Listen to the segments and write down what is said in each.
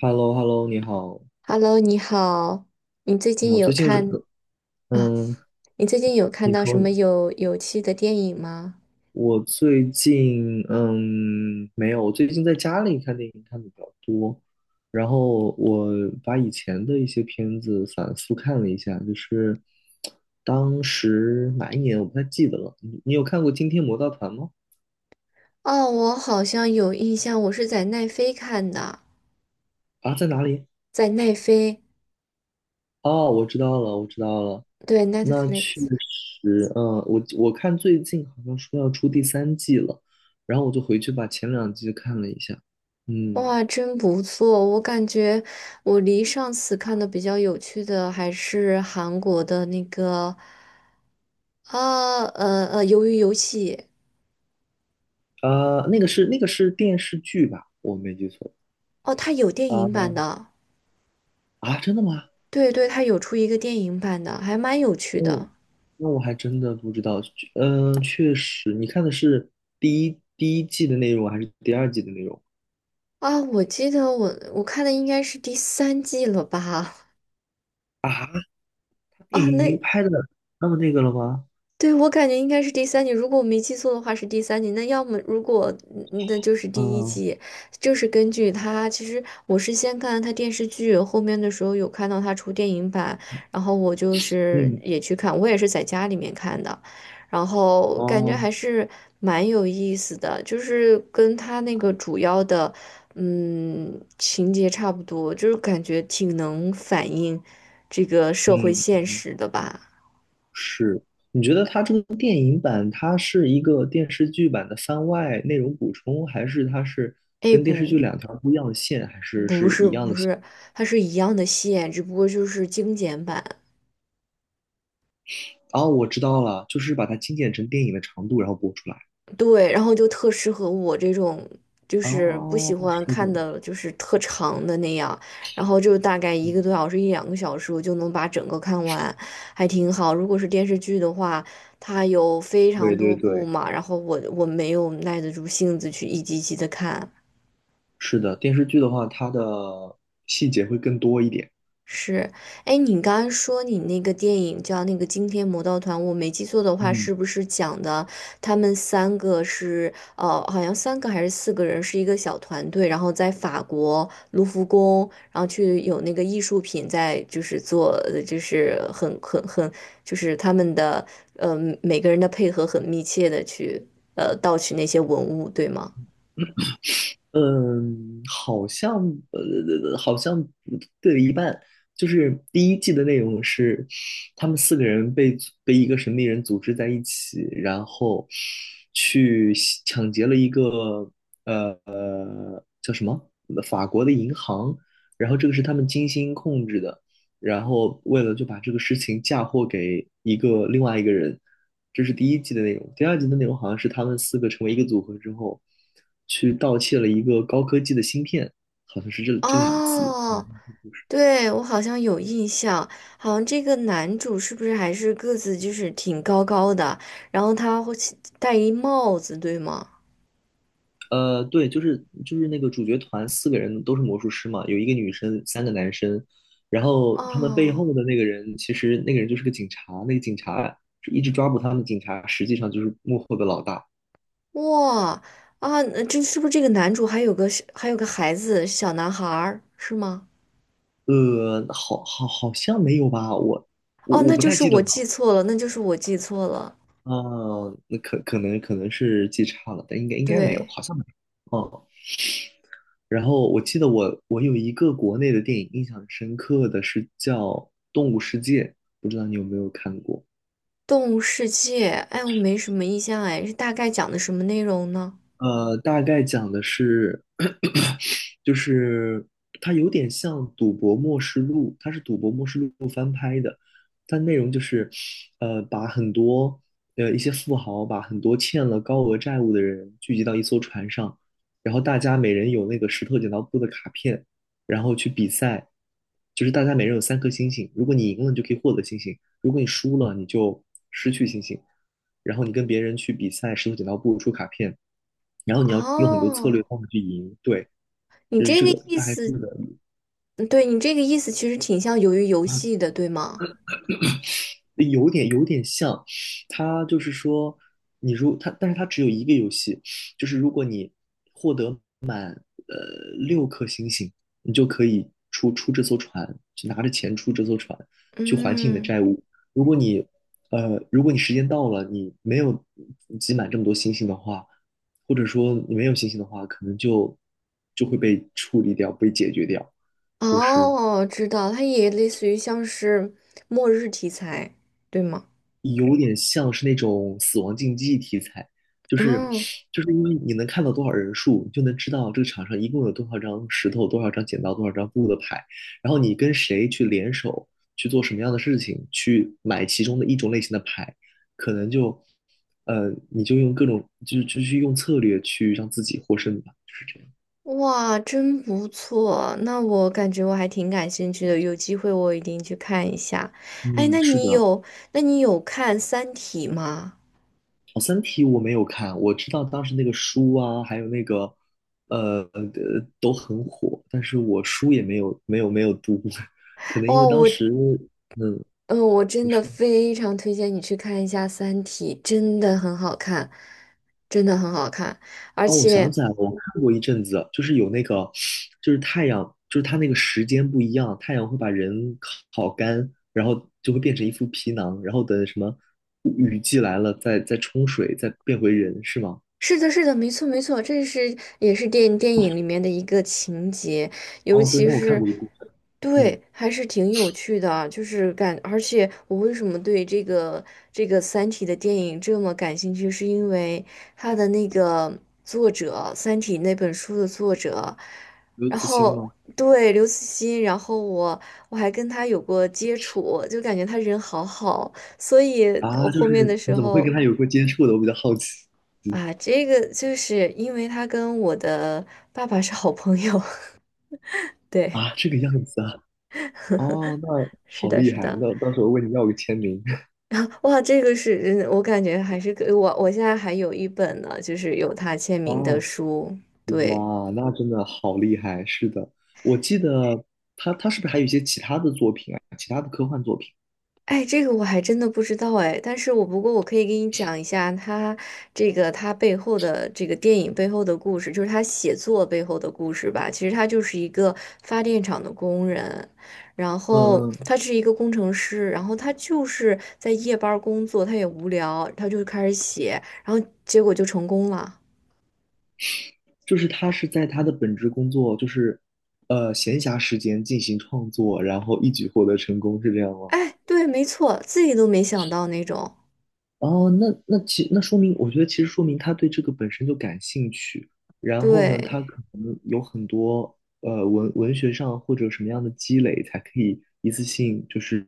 h e l l o h e l l o 你好，Hello，你好，你最你近好，有最近有什看么？啊？嗯，你最近有看你到什说呢？么有趣的电影吗？我最近没有，我最近在家里看电影看的比较多，然后我把以前的一些片子反复看了一下，就是当时哪一年我不太记得了。你有看过《惊天魔盗团》吗？哦，我好像有印象，我是在奈飞看的，啊，在哪里？在奈飞，哦，我知道了，我知道了，对那确，Netflix。实，我看最近好像说要出第三季了，然后我就回去把前2季看了一下，嗯，哇，真不错！我感觉我离上次看的比较有趣的还是韩国的那个，啊，《鱿鱼游戏》。啊，那个是电视剧吧，我没记错哦，它有电影版啊的，啊，真的吗？对对，它有出一个电影版的，还蛮有趣的。嗯，那我还真的不知道，嗯，确实，你看的是第一季的内容还是第二季的内容啊，我记得我看的应该是第三季了吧？啊？电啊，影已那经拍的那么那个了吗？对，我感觉应该是第三集，如果我没记错的话是第三集。那要么如果那就是第一嗯季，就是根据他。其实我是先看他电视剧，后面的时候有看到他出电影版，然后我就是嗯也去看，我也是在家里面看的，然后感觉哦还是蛮有意思的，就是跟他那个主要的情节差不多，就是感觉挺能反映这个社会嗯。现实的吧。是，你觉得它这个电影版，它是一个电视剧版的番外内容补充，还是它是哎，跟电视剧不，2条不一样的线，还是不是是一样不的线？是，它是一样的线，只不过就是精简版。哦，我知道了，就是把它精简成电影的长度，然后播出来。对，然后就特适合我这种，就是不喜哦，欢是看的，的，就是特长的那样。然后就大概一个嗯，多小时、一两个小时，我就能把整个看完，还挺好。如果是电视剧的话，它有非常对对多部对，嘛，然后我没有耐得住性子去一集一集的看。是的，电视剧的话，它的细节会更多一点。是，哎，你刚刚说你那个电影叫那个《惊天魔盗团》，我没记错的话，嗯。是不是讲的他们三个是好像三个还是四个人是一个小团队，然后在法国卢浮宫，然后去有那个艺术品在就是做，就是很，就是他们的呃每个人的配合很密切的去盗取那些文物，对吗？嗯，好像呃，呃呃好像对了一半。就是第一季的内容是，他们四个人被一个神秘人组织在一起，然后去抢劫了一个呃叫什么法国的银行，然后这个是他们精心控制的，然后为了就把这个事情嫁祸给一个另外一个人，这是第一季的内容。第二季的内容好像是他们四个成为一个组合之后，去盗窃了一个高科技的芯片，好像是这2集。哦，对，我好像有印象，好像这个男主是不是还是个子就是挺高的，然后他会戴一帽子，对吗？对，就是那个主角团四个人都是魔术师嘛，有一个女生，三个男生。然后他们背哦，后的那个人，其实那个人就是个警察，那个警察一直抓捕他们，警察实际上就是幕后的老大。哇啊，那这是不是这个男主还有个是还有个孩子小男孩儿是吗？好像没有吧？哦，我那不就太是记得我了。记错了，那就是我记错了。嗯，那可能是记差了，但应该没有，对，好像没有。哦，然后我记得我有一个国内的电影印象很深刻的是叫《动物世界》，不知道你有没有看过？动物世界，哎，我没什么印象，哎，是大概讲的什么内容呢？大概讲的是，就是它有点像《赌博默示录》，它是《赌博默示录》翻拍的。它内容就是，把很多一些富豪，把很多欠了高额债务的人聚集到一艘船上，然后大家每人有那个石头剪刀布的卡片，然后去比赛，就是大家每人有3颗星星，如果你赢了，你就可以获得星星；如果你输了，你就失去星星。然后你跟别人去比赛石头剪刀布出卡片，然后你要用很多策哦，略方法去赢，对，你就是这这个个意大概这思，个嗯对，你这个意思其实挺像鱿鱼游啊，戏的，对吗？有点像，它就是说它，但是它只有一个游戏，就是如果你获得6颗星星，你就可以出这艘船，去拿着钱出这艘船，去还清你的嗯，债务。如果你如果你时间到了，你没有集满这么多星星的话，或者说你没有星星的话，可能就会被处理掉，被解决掉。就是哦，知道，它也类似于像是末日题材，对吗？有点像是那种死亡竞技题材，就是哦，就是因为你能看到多少人数，你就能知道这个场上一共有多少张石头、多少张剪刀、多少张布的牌，然后你跟谁去联手去做什么样的事情，去买其中的一种类型的牌，可能你就用各种就去用策略去让自己获胜吧，就是这样。哇，真不错，那我感觉我还挺感兴趣的，有机会我一定去看一下。哎，嗯，那是你的，有，那你有看《三体》吗？哦，《三体》我没有看，我知道当时那个书啊，还有那个，呃呃，都很火，但是我书也没有读，可能因哇，为当我，时，嗯，嗯，我真你的说，非常推荐你去看一下《三体》，真的很好看，真的很好看，而哦，我想且。起来了，我看过一阵子，就是有那个，就是太阳，就是它那个时间不一样，太阳会把人烤干，然后就会变成一副皮囊，然后等什么雨季来了，再冲水，再变回人，是吗？是的，是的，没错，没错，这是也是电影里面的一个情节，尤哦，对，其那我看是，过一部分，嗯，对，还是挺有趣的，就是感，而且我为什么对这个《三体》的电影这么感兴趣，是因为他的那个作者，《三体》那本书的作者，刘然慈欣后吗？对刘慈欣，然后我还跟他有过接触，就感觉他人好好，所以我啊，就后面的是时你怎么会跟候。他有过接触的？我比较好奇啊，这个就是因为他跟我的爸爸是好朋友，啊，对，这个样子啊，哦，那是好的，厉是害，的，那到时候问你要个签名。哇，这个是，嗯我感觉还是给我，我现在还有一本呢，就是有他签名的哦，书，对，哇，那真的好厉害，是的，我记得他是不是还有一些其他的作品啊？其他的科幻作品？哎，这个我还真的不知道哎，但是不过我可以给你讲一下他这个他背后的这个电影背后的故事，就是他写作背后的故事吧。其实他就是一个发电厂的工人，然后嗯嗯，他是一个工程师，然后他就是在夜班儿工作，他也无聊，他就开始写，然后结果就成功了。就是他是在他的本职工作，就是闲暇时间进行创作，然后一举获得成功，是这样吗？哎，对，没错，自己都没想到那种，哦，那说明，我觉得其实说明他对这个本身就感兴趣，然后呢，对。他可能有很多文学上或者什么样的积累，才可以一次性就是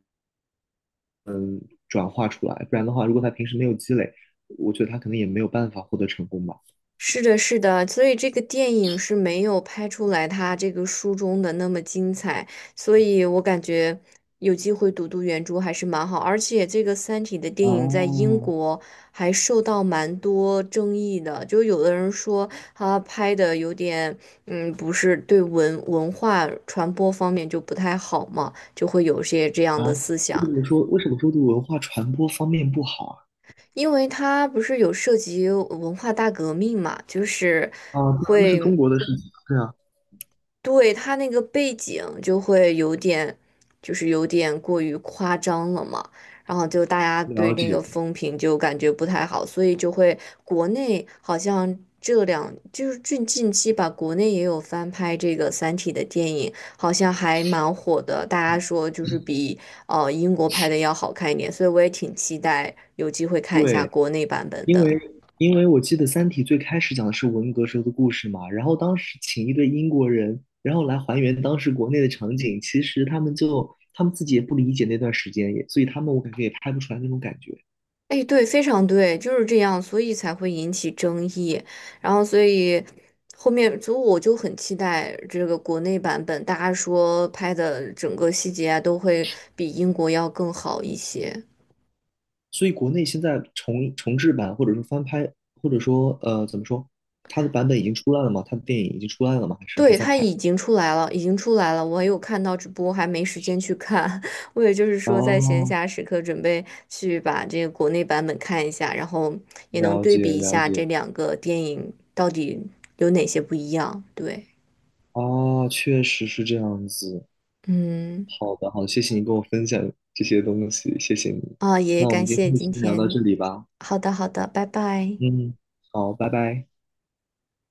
转化出来，不然的话，如果他平时没有积累，我觉得他可能也没有办法获得成功吧。是的，是的，所以这个电影是没有拍出来他这个书中的那么精彩，所以我感觉有机会读读原著还是蛮好，而且这个《三体》的电影在英哦，国还受到蛮多争议的，就有的人说它拍的有点，嗯，不是对文化传播方面就不太好嘛，就会有些这样的啊，思为想。什么说为什么说对文化传播方面不好啊？因为它不是有涉及文化大革命嘛，就是啊，对啊，那是中会国的事情，对啊，对，他那个背景就会有点，就是有点过于夸张了嘛，然后就大家对了这解，个风评就感觉不太好，所以就会国内好像这两就是近期吧，国内也有翻拍这个《三体》的电影，好像还蛮火的，大家说就是比英国拍的要好看一点，所以我也挺期待有机会看一下对。国内版本因为的。因为我记得《三体》最开始讲的是文革时候的故事嘛，然后当时请一对英国人，然后来还原当时国内的场景，其实他们就他们自己也不理解那段时间，也所以他们我感觉也拍不出来那种感觉，哎，对，非常对，就是这样，所以才会引起争议。然后，所以后面，所以我就很期待这个国内版本，大家说拍的整个细节啊，都会比英国要更好一些。所以国内现在重制版或者说翻拍，或者说怎么说，它的版本已经出来了吗？它的电影已经出来了吗？还是还对，在它拍？已经出来了，已经出来了，我有看到直播，还没时间去看。我也就是说，在闲哦，暇时刻准备去把这个国内版本看一下，然后也能了对比解一了下这解，两个电影到底有哪些不一样。对，啊，确实是这样子。嗯。好的，好，谢谢你跟我分享这些东西，谢谢你。啊，也那我感们今谢天就今先聊到天。这里吧。好的，好的，拜拜。嗯，好，拜拜。